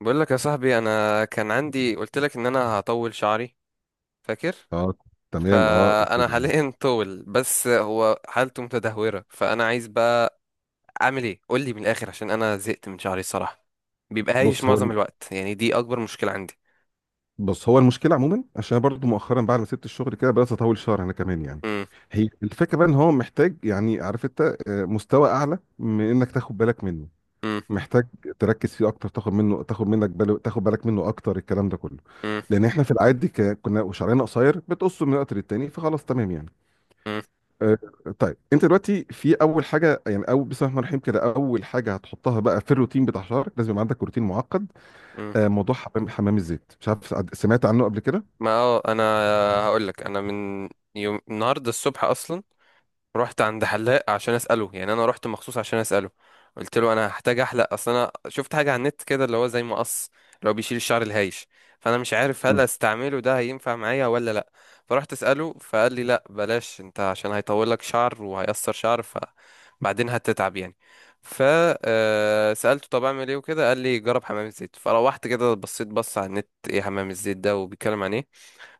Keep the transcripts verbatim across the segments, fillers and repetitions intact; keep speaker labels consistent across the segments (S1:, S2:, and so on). S1: بقول لك يا صاحبي، انا كان عندي، قلت لك ان انا هطول شعري. فاكر؟
S2: اه، تمام. اه، قلت
S1: فانا
S2: لي. إيه.
S1: حاليا طول، بس هو حالته متدهوره. فانا عايز بقى اعمل ايه؟ قول لي من الاخر عشان انا زهقت من شعري الصراحه. بيبقى هايش
S2: بص هو
S1: معظم
S2: الم-
S1: الوقت، يعني دي اكبر مشكله عندي.
S2: بص هو المشكله عموما عشان أنا برضو مؤخرا بعد ما سبت الشغل كده بدات اطول شهر انا كمان يعني.
S1: امم.
S2: هي الفكره بقى ان هو محتاج، يعني عارف انت، آه، مستوى اعلى من انك تاخد بالك منه.
S1: امم.
S2: محتاج تركز فيه اكتر، تاخد منه، تاخد منك بالو، تاخد بالك منه اكتر، الكلام ده كله.
S1: امم.
S2: لان احنا في العادي ك- كنا شعرنا قصير بتقصه من وقت للتاني فخلاص تمام يعني. آه، طيب انت دلوقتي في اول حاجه، يعني اول بسم الله الرحمن الرحيم كده، اول حاجه هتحطها بقى في الروتين بتاع شعرك لازم يبقى عندك روتين معقد.
S1: امم.
S2: آه، موضوع حمام حمام الزيت، مش عارف سع- سمعت عنه قبل كده؟
S1: ما اه انا هقول لك. انا من يوم النهارده الصبح اصلا رحت عند حلاق عشان اساله، يعني انا رحت مخصوص عشان اساله. قلت له انا هحتاج احلق، اصل انا شفت حاجه على النت كده اللي هو زي مقص، اللي هو بيشيل الشعر الهايش. فانا مش عارف هل
S2: امم.
S1: استعمله ده هينفع معايا ولا لا. فرحت اساله، فقال لي لا بلاش انت، عشان هيطول لك شعر وهيقصر شعر، فبعدين هتتعب يعني. ف آه، سالته طب اعمل ايه وكده، قال لي جرب حمام الزيت. فروحت كده بصيت، بص على النت ايه حمام الزيت ده وبيتكلم عن ايه.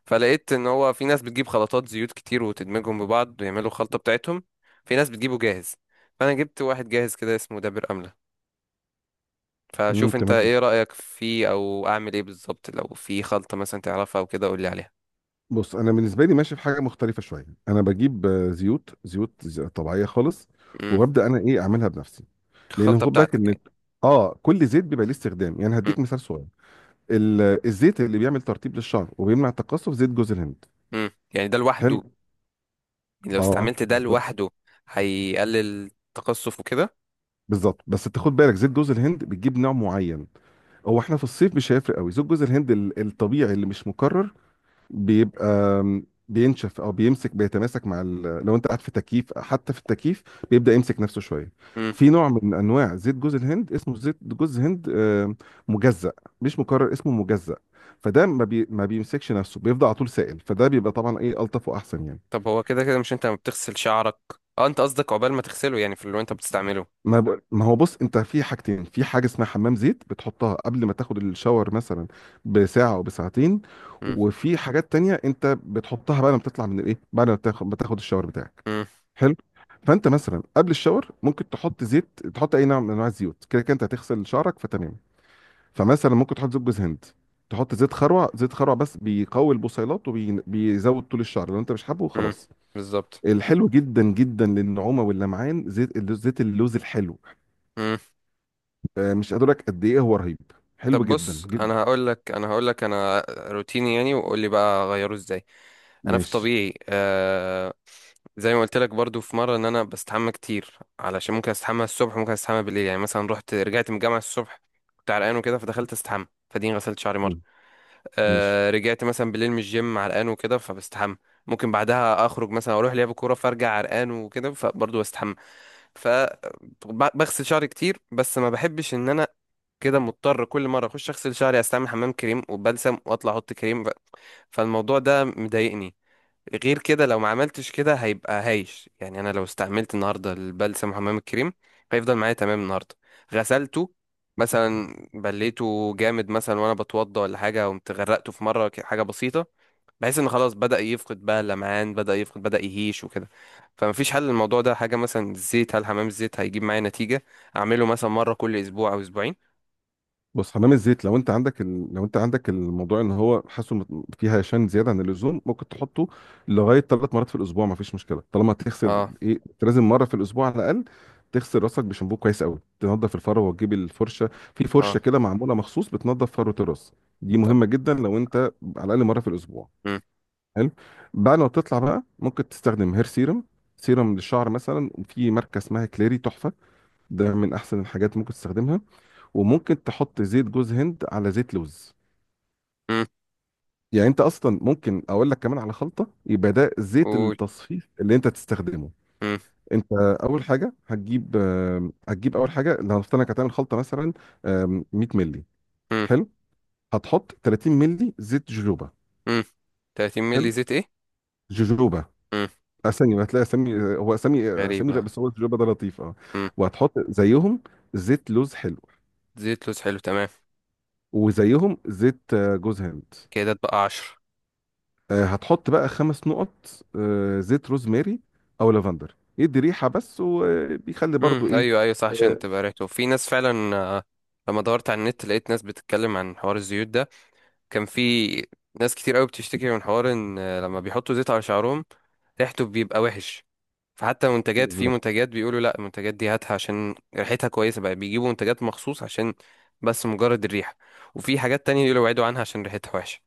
S1: فلقيت ان هو في ناس بتجيب خلطات زيوت كتير وتدمجهم ببعض ويعملوا خلطة بتاعتهم، في ناس بتجيبه جاهز. فانا جبت واحد جاهز كده اسمه دابر املة.
S2: امم،
S1: فشوف انت
S2: تمام.
S1: ايه رأيك فيه، او اعمل ايه بالظبط لو في خلطة مثلا تعرفها او كده، قول لي عليها.
S2: بص انا بالنسبه لي ماشي في حاجه مختلفه شويه، انا بجيب آه، زيوت زيوت ز- طبيعيه خالص،
S1: امم.
S2: وببدا انا ايه اعملها بنفسي. لان
S1: الخلطة
S2: خد بالك
S1: بتاعتك
S2: ان
S1: يعني.
S2: اه كل زيت بيبقى ليه استخدام. يعني هديك
S1: امم.
S2: مثال صغير، ال- الزيت اللي بيعمل ترطيب للشعر وبيمنع التقصف زيت جوز الهند.
S1: امم. يعني ده
S2: حلو.
S1: لوحده؟ يعني لو
S2: اه
S1: استعملت ده
S2: بالظبط.
S1: لوحده هيقلل التقصف وكده؟
S2: بالظبط، بس انت خد بالك زيت جوز الهند بتجيب نوع معين. هو احنا في الصيف مش هيفرق قوي. زيت جوز الهند ال- الطبيعي اللي مش مكرر بيبقى بينشف او بيمسك، بيتماسك مع ال... لو انت قاعد في تكييف، حتى في التكييف بيبدا يمسك نفسه شويه.
S1: امم.
S2: في نوع من انواع زيت جوز الهند اسمه زيت جوز هند آه، مجزأ، مش مكرر، اسمه مجزأ. فده ما بي... ما بيمسكش نفسه، بيفضل على طول سائل، فده بيبقى طبعا ايه الطف واحسن يعني.
S1: طب هو كده كده مش انت ما بتغسل شعرك؟ اه انت قصدك عقبال ما تغسله، يعني في اللي انت بتستعمله.
S2: ما ب... ما هو بص، انت في حاجتين، في حاجه اسمها حمام زيت بتحطها قبل ما تاخد الشاور مثلا بساعه او بساعتين،
S1: امم.
S2: وفي حاجات تانية انت بتحطها بعد ما بتطلع من الايه، بعد ما بتاخد بتاخد الشاور بتاعك.
S1: امم.
S2: حلو. فانت مثلا قبل الشاور ممكن تحط زيت، تحط اي نوع من انواع الزيوت، كده كده انت هتغسل شعرك فتمام. فمثلا ممكن تحط زيت جوز هند، تحط زيت خروع. زيت خروع بس بيقوي البصيلات وبيزود طول الشعر، لو انت مش حابه
S1: امم.
S2: خلاص.
S1: بالظبط.
S2: الحلو جدا جدا للنعومه واللمعان زيت اللو- زيت اللوز الحلو.
S1: امم.
S2: آه، مش قادر لك قد ايه هو رهيب، حلو
S1: طب
S2: جدا
S1: بص،
S2: جدا.
S1: انا هقول لك، انا هقول لك انا روتيني يعني، وقول لي بقى اغيره ازاي. انا في
S2: ماشي.
S1: طبيعي، آه، زي ما قلت لك برضو في مره ان انا بستحمى كتير. علشان ممكن استحمى الصبح، ممكن استحمى بالليل. يعني مثلا رحت، رجعت من الجامعه الصبح كنت عرقان وكده فدخلت استحمى، فدين غسلت شعري مره.
S2: حلو. ماشي،
S1: آه رجعت مثلا بالليل من الجيم عرقان وكده فبستحمى. ممكن بعدها اخرج مثلا اروح لعب كوره، فارجع عرقان وكده فبرضو بستحمى. ف بغسل شعري كتير، بس ما بحبش ان انا كده مضطر كل مره اخش اغسل شعري، استعمل حمام كريم وبلسم، واطلع احط كريم، ف- فالموضوع ده مضايقني. غير كده لو ما عملتش كده هيبقى هايش. يعني انا لو استعملت النهارده البلسم وحمام الكريم، هيفضل معايا تمام النهارده. غسلته مثلا بليته جامد مثلا، وانا بتوضى ولا حاجه، قمت غرقته في مره، ك- حاجه بسيطه، بحيث ان خلاص بدأ يفقد بقى اللمعان، بدأ يفقد، بدأ يهيش وكده. فمفيش حل للموضوع ده؟ حاجه مثلا الزيت، هل حمام الزيت هيجيب معايا نتيجه؟ اعمله مثلا مره كل اسبوع او اسبوعين؟
S2: بص حمام الزيت لو انت عندك ال... لو انت عندك الموضوع ان هو حاسه مت- فيه هشام زياده عن اللزوم، ممكن تحطه لغايه ثلاث مرات في الاسبوع ما فيش مشكله، طالما تغسل
S1: اه.
S2: ايه، انت لازم مره في الاسبوع على الاقل تغسل راسك بشامبو كويس قوي، تنظف الفروه وتجيب الفرشه. في فرشه
S1: اه.
S2: كده معموله مخصوص بتنظف فروه الراس، دي
S1: طب.
S2: مهمه جدا، لو انت على الاقل مره في الاسبوع.
S1: مم.
S2: حلو. بعد ما تطلع بقى ممكن تستخدم هير سيرم، سيرم للشعر مثلا، وفي ماركه اسمها كليري تحفه، ده من احسن الحاجات ممكن تستخدمها. وممكن تحط زيت جوز هند على زيت لوز.
S1: مم.
S2: يعني انت اصلا ممكن اقول لك كمان على خلطه، يبقى ده زيت
S1: قول.
S2: التصفيف اللي انت تستخدمه.
S1: مم.
S2: انت اول حاجه هتجيب آم، هتجيب اول حاجه، لو هنفترض انك هتعمل خلطه مثلا، آم، مية مللي.
S1: مم.
S2: حلو. هتحط تلاتين مللي زيت جوجوبا.
S1: مم. ثلاثين
S2: حلو.
S1: مللي زيت ايه؟
S2: جوجوبا.
S1: مم.
S2: اسامي، هتلاقي اسامي، هو اسامي اسامي غير،
S1: غريبة.
S2: بس هو جوجوبا ده لطيف اه.
S1: مم.
S2: وهتحط زيهم زيت لوز حلو.
S1: زيت لوز حلو، تمام.
S2: وزيهم زيت آه، جوز هند.
S1: كده اتبقى عشرة.
S2: آه، هتحط بقى خمس نقط آه، زيت روزماري او لافندر، يدي ريحه بس، وبيخلي برضو
S1: مم.
S2: ايه.
S1: ايوه ايوه، صح عشان
S2: آه،
S1: تبقى ريحته، في ناس فعلا، آه، لما دورت على النت لقيت ناس بتتكلم عن حوار الزيوت ده. كان في ناس كتير قوي بتشتكي من حوار ان آه، لما بيحطوا زيت على شعرهم ريحته بيبقى وحش. فحتى منتجات، في
S2: بالظبط.
S1: منتجات بيقولوا لا المنتجات دي هاتها عشان ريحتها كويسة، بقى بيجيبوا منتجات مخصوص عشان بس مجرد الريحة. وفي حاجات تانية يقولوا ابعدوا عنها عشان ريحتها وحشة.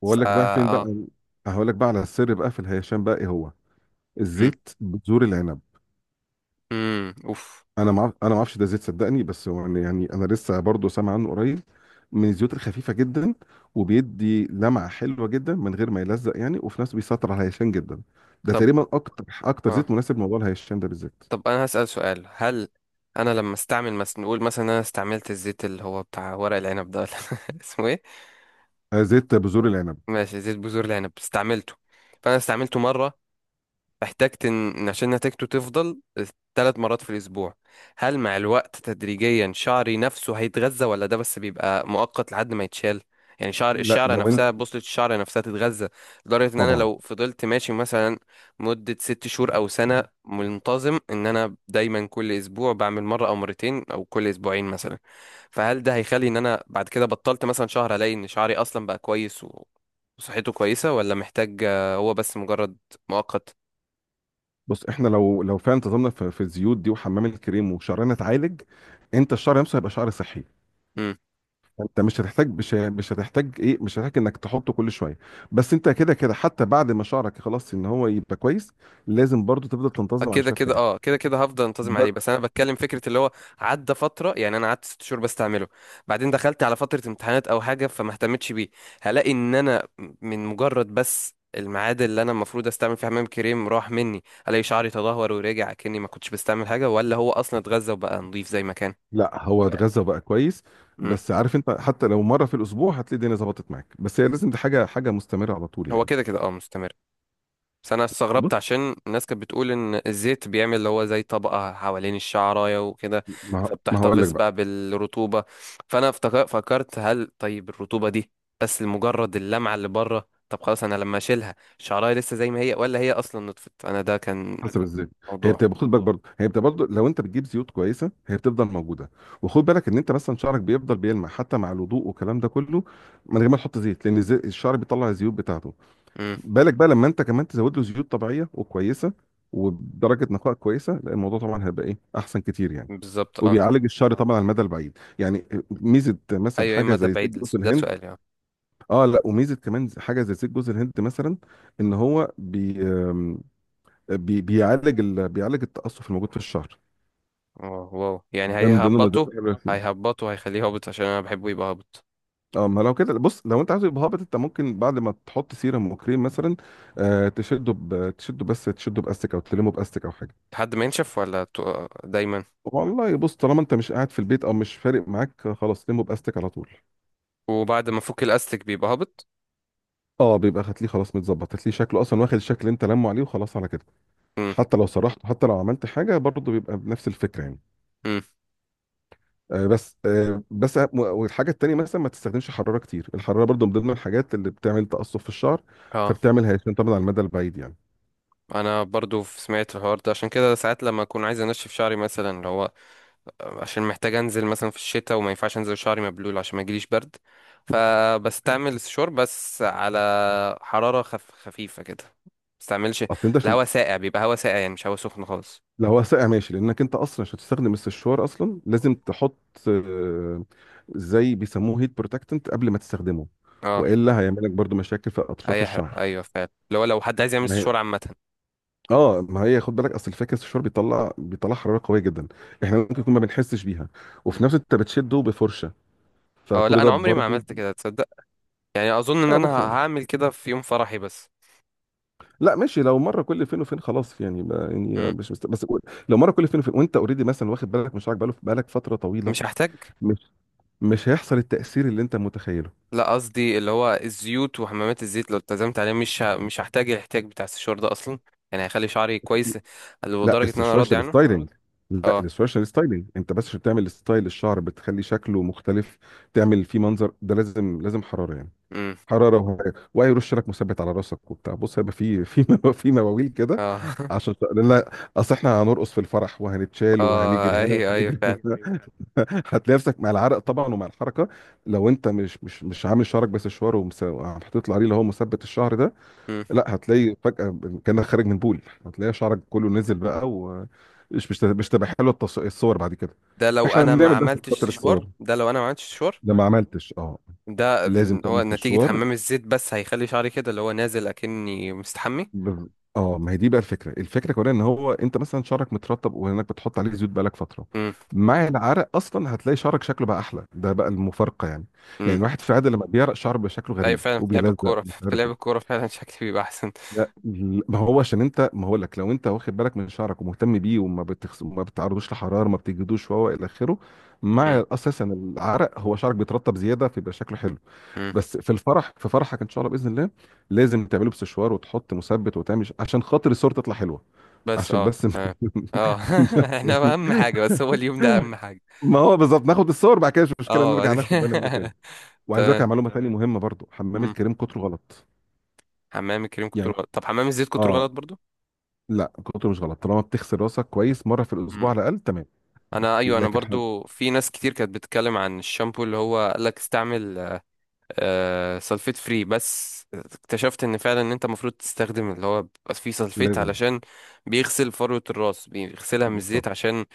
S2: واقول لك
S1: فا
S2: بقى فين
S1: اه
S2: بقى، هقول لك بقى على السر بقى في الهيشان بقى، ايه هو؟
S1: مم.
S2: الزيت بذور العنب.
S1: مم. اوف.
S2: انا ما انا ما اعرفش ده زيت صدقني، بس هو يعني، يعني انا لسه برضو سامع عنه قريب. من الزيوت الخفيفه جدا، وبيدي لمعه حلوه جدا من غير ما يلزق يعني، وفي نفس بيسيطر على الهيشان جدا. ده
S1: طب
S2: تقريبا اكتر اكتر
S1: اه،
S2: زيت مناسب لموضوع الهيشان ده بالذات.
S1: طب انا هسأل سؤال، هل انا لما استعمل مثلا، نقول مثلا إن انا استعملت الزيت اللي هو بتاع ورق العنب ده، ولا اسمه ايه؟
S2: آه، زيت بذور العنب.
S1: ماشي، زيت بذور العنب استعملته. فانا استعملته مرة، احتجت ان إن عشان نتيجته تفضل، ثلاث مرات في الاسبوع. هل مع الوقت تدريجيا شعري نفسه هيتغذى، ولا ده بس بيبقى مؤقت لحد ما يتشال؟ يعني شعر،
S2: لا
S1: الشعره
S2: لو انت
S1: نفسها، بوصلة الشعر نفسها تتغذى؟ لدرجة ان انا
S2: طبعا.
S1: لو فضلت ماشي مثلا مدة ست شهور او سنة، منتظم ان انا دايما كل اسبوع بعمل مرة او مرتين او كل اسبوعين مثلا، فهل ده هيخلي ان انا بعد كده بطلت مثلا شهر، الاقي ان شعري اصلا بقى كويس و- وصحته كويسة، ولا محتاج، آه، هو بس مجرد مؤقت؟
S2: بص احنا لو لو فعلا انتظمنا في, في الزيوت دي وحمام الكريم وشعرنا اتعالج، انت الشعر نفسه هيبقى شعر صحي.
S1: امم.
S2: انت مش هتحتاج، مش ه- مش هتحتاج ايه، مش هتحتاج انك تحطه كل شويه. بس انت كده كده، حتى بعد ما شعرك خلاص ان هو يبقى كويس، لازم برضو تفضل تنتظم على
S1: كده
S2: شويه
S1: كده
S2: حاجات.
S1: اه كده كده هفضل انتظم
S2: ب...
S1: عليه، بس انا بتكلم فكره اللي هو عدى فتره. يعني انا قعدت ست شهور بستعمله، بعدين دخلت على فتره امتحانات او حاجه، فما اهتمتش بيه. هلاقي ان انا من مجرد بس الميعاد اللي انا المفروض استعمل فيه حمام كريم راح مني، الاقي شعري تدهور ورجع كاني ما كنتش بستعمل حاجه، ولا هو اصلا اتغذى وبقى نظيف زي ما كان؟
S2: لا هو اتغذى بقى كويس.
S1: امم.
S2: بس عارف انت، حتى لو مره في الاسبوع هتلاقي الدنيا ظبطت معاك، بس هي لازم دي حاجه، حاجه مستمره على طول
S1: هو
S2: يعني.
S1: كده كده اه مستمر، بس انا استغربت
S2: بص
S1: عشان الناس كانت بتقول ان الزيت بيعمل اللي هو زي طبقة حوالين الشعراية وكده،
S2: ما ما هقول لك
S1: فبتحتفظ
S2: بقى.
S1: بقى بالرطوبة. فانا افتك- فكرت هل طيب الرطوبة دي بس لمجرد اللمعة اللي بره؟ طب خلاص انا لما اشيلها، الشعراية لسه زي ما هي، ولا هي اصلا نطفت؟ انا ده كان
S2: حسب الزيت. هي
S1: موضوع.
S2: بتبقى، خد بالك برضه، هي بتبقى برضه لو انت بتجيب زيوت كويسه هي بتفضل موجوده. وخد بالك ان انت مثلا شعرك بيفضل بيلمع حتى مع الوضوء والكلام ده كله، من غير ما تحط زيت، لان الزي- الشعر بيطلع الزيوت بتاعته.
S1: امم.
S2: بالك بقى لما انت كمان تزود له زيوت طبيعيه وكويسه وبدرجه نقاء كويسه، لا الموضوع طبعا هيبقى ايه احسن كتير يعني،
S1: بالظبط. اه
S2: وبيعالج الشعر طبعا على المدى البعيد. يعني ميزه مثلا
S1: ايوه،
S2: حاجه
S1: اما ده
S2: زي زيت
S1: بعيد،
S2: جوز
S1: الس- ده
S2: الهند.
S1: سؤالي اه.
S2: اه، لا وميزه كمان حاجه زي زيت جوز الهند مثلا، ان هو بي بي بيعالج ال... بيعالج التقصف الموجود في الشعر.
S1: واو، واو. يعني
S2: ده من ضمن المضادات
S1: هيهبطوا؟
S2: اللي بيعمل فيه.
S1: هيهبطوا، هيخليه هابط؟ عشان انا بحبه يبقى هابط.
S2: اه ما لو كده، بص لو انت عايز يبقى هابط انت ممكن بعد ما تحط سيرم وكريم مثلا، آه تشده ب... تشده، بس تشده باستك او تلمه باستك او حاجه.
S1: لحد ما ينشف ولا تو- دايما؟
S2: والله بص، طالما انت مش قاعد في البيت او مش فارق معاك، خلاص لمه باستك على طول.
S1: وبعد ما فك الاستك بيبقى هابط.
S2: اه بيبقى، هتلاقيه خلاص متظبط، هتلاقيه شكله اصلا واخد الشكل اللي انت لمه عليه وخلاص على كده.
S1: امم.
S2: حتى لو سرحته، حتى لو عملت حاجه، برضه بيبقى بنفس الفكره يعني.
S1: امم.
S2: آه، بس آه، بس أهم- والحاجه التانيه مثلا، ما تستخدمش حراره كتير. الحراره برضو من ضمن الحاجات اللي بتعمل تقصف في الشعر،
S1: اه
S2: فبتعمل هيشان طبعا على المدى البعيد يعني.
S1: انا برضو ف- سمعت الحوار ده، عشان كده ساعات لما اكون عايز انشف شعري مثلا اللي هو، عشان محتاج انزل مثلا في الشتاء وما ينفعش انزل شعري مبلول عشان ما يجيليش برد، فبستعمل الشور بس على حرارة خف... خفيفة كده. بستعملش
S2: اصل انت عشان،
S1: الهواء ساقع، بيبقى هواء ساقع يعني، مش هواء سخن خالص.
S2: لو هو ساقع ماشي، لانك انت اصلا عشان تستخدم السشوار اصلا لازم تحط آه، زي بيسموه هيت بروتكتنت قبل ما تستخدمه،
S1: اه
S2: والا هيعمل لك برضو مشاكل في اطراف
S1: هيحرق،
S2: الشعر.
S1: ايوه فعلا، اللي هو لو حد عايز يعمل
S2: ما هي،
S1: سشوار عامة.
S2: اه ما هي، خد بالك اصل الفكره السشوار بيطلع بيطلع حراره قويه جدا، احنا ممكن يكون ما بنحسش بيها،
S1: مم.
S2: وفي نفس الوقت انت بتشده بفرشه،
S1: اه
S2: فكل
S1: لا،
S2: ده
S1: انا عمري ما
S2: برضو.
S1: عملت كده تصدق. يعني اظن ان
S2: اه
S1: انا
S2: بص،
S1: هعمل كده في يوم فرحي بس.
S2: لا ماشي، لو مره كل فين وفين خلاص يعني، ما يعني
S1: مم.
S2: مش مست... بس قول- لو مره كل فين وفين وانت اوريدي مثلا واخد بالك من شعرك بقاله بقالك فتره طويله،
S1: مش هحتاج.
S2: مش مش هيحصل التاثير اللي انت متخيله.
S1: لا قصدي اللي هو الزيوت وحمامات الزيت لو التزمت عليه، مش ه... مش هحتاج الاحتياج بتاع السشوار ده اصلا. يعني هيخلي شعري كويس
S2: لا
S1: لدرجة ان انا راضي
S2: السوشيال
S1: عنه.
S2: ستايلينج. لا
S1: اه.
S2: السوشيال ستايلينج انت بس عشان تعمل ستايل الشعر، بتخلي شكله مختلف، تعمل فيه منظر، ده لازم لازم حراره يعني.
S1: امم.
S2: حراره وهي- وهيرش لك مثبت على راسك وبتاع. بص هيبقى في، في مو- في مواويل كده
S1: اه
S2: عشان، لا اصل احنا هنرقص في الفرح وهنتشال
S1: اه
S2: وهنجري هنا
S1: ايوه ايوه
S2: وهنجري
S1: فعلا.
S2: هنا، هتلاقي نفسك مع العرق طبعا ومع الحركه. لو انت مش مش مش عامل شعرك بس شوار ومس- وحاطط له عليه اللي هو مثبت الشعر ده،
S1: مم.
S2: لا هتلاقي فجاه كانك خارج من بول، هتلاقي شعرك كله نزل بقى، ومش مش مش تبقى حلوه التص- الصور بعد كده.
S1: ده لو
S2: احنا
S1: انا ما
S2: بنعمل ده عشان
S1: عملتش
S2: خاطر
S1: سشوار،
S2: الصور.
S1: ده لو انا ما عملتش سشوار
S2: ده ما عملتش اه،
S1: ده.
S2: لازم
S1: هو
S2: تعمل في
S1: نتيجة
S2: الشوار.
S1: حمام الزيت بس هيخلي شعري كده اللي هو نازل اكني مستحمي؟
S2: بز... اه ما هي دي بقى الفكره، الفكره كمان ان هو انت مثلا شعرك مترطب، وانك بتحط عليه زيوت بقالك فتره،
S1: امم.
S2: مع العرق اصلا هتلاقي شعرك شكله بقى احلى. ده بقى المفارقه يعني. يعني
S1: امم.
S2: الواحد في العاده لما بيعرق شعره بيبقى شكله
S1: ايوه
S2: غريب
S1: فعلا، في لعب
S2: وبيلزق
S1: الكورة
S2: مش
S1: في
S2: عارف
S1: لعب
S2: ايه.
S1: الكورة فعلا شكلي بيبقى احسن.
S2: لا ل- ما هو عشان انت، ما هقول لك، لو انت واخد بالك من شعرك ومهتم بيه وما بتخس... ما بتعرضوش لحراره ما بتجدوش وهو الى اخره،
S1: امم.
S2: مع اساسا العرق هو شعرك بيترطب زياده فيبقى شكله حلو.
S1: امم.
S2: بس في الفرح، في فرحك ان شاء الله باذن الله، لازم تعمله بسشوار وتحط مثبت وتعمل ش- عشان خاطر الصور تطلع حلوه،
S1: بس
S2: عشان
S1: اه
S2: بس اه
S1: تمام. اه
S2: بس
S1: احنا
S2: يعني.
S1: اهم حاجة بس هو اليوم ده، اهم حاجة.
S2: ما هو بالظبط، ناخد الصور بعد كده مش مشكله،
S1: اه بعد
S2: نرجع ناخد
S1: كده
S2: بالنا منه تاني. وعايز اقول لك
S1: تمام.
S2: على معلومه تانيه تمام، مهمه برضو، حمام
S1: مم.
S2: الكريم كتره غلط
S1: حمام الكريم كتر
S2: يعني.
S1: غلط، طب حمام الزيت كتر غلط
S2: اه
S1: برضو؟
S2: لا، كتره مش غلط طالما بتغسل راسك كويس مره في
S1: مم.
S2: الاسبوع على الاقل. تمام
S1: انا ايوه، انا
S2: لكن حم...
S1: برضو في ناس كتير كانت بتتكلم عن الشامبو اللي هو قال لك استعمل آه سلفيت فري، بس اكتشفت ان فعلا ان انت المفروض تستخدم اللي هو بيبقى فيه سلفيت،
S2: لازم.
S1: علشان بيغسل فروة الراس، بيغسلها من
S2: بالظبط.
S1: الزيت، عشان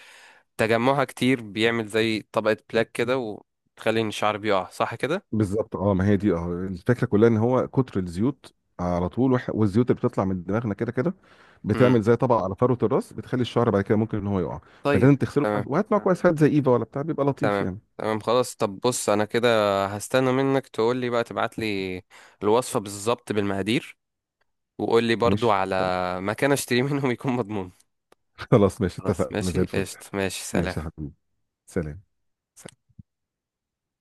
S1: تجمعها كتير بيعمل زي طبقة بلاك كده، وتخلي ان الشعر بيقع، صح كده؟
S2: بالظبط، اه ما هي دي اه الفكره كلها، ان هو كتر الزيوت على طول وح- والزيوت اللي بتطلع من دماغنا كده كده،
S1: إمم.
S2: بتعمل زي طبقه على فروه الراس، بتخلي الشعر بعد كده ممكن ان هو يقع.
S1: طيب.
S2: فلازم تغسله
S1: تمام،
S2: كويس، وهات معاك كويس، هات زي ايفا ولا بتاع بيبقى لطيف يعني.
S1: تمام خلاص. طب بص انا كده هستنى منك تقول لي بقى، تبعت لي الوصفة بالظبط بالمقادير، وقول لي برضو
S2: ماشي
S1: على مكان اشتري منهم يكون مضمون.
S2: خلاص ماشي،
S1: خلاص
S2: اتفقنا زي
S1: ماشي،
S2: الفل.
S1: قشطة، ماشي، سلام.
S2: ماشي يا حبيبي. سلام.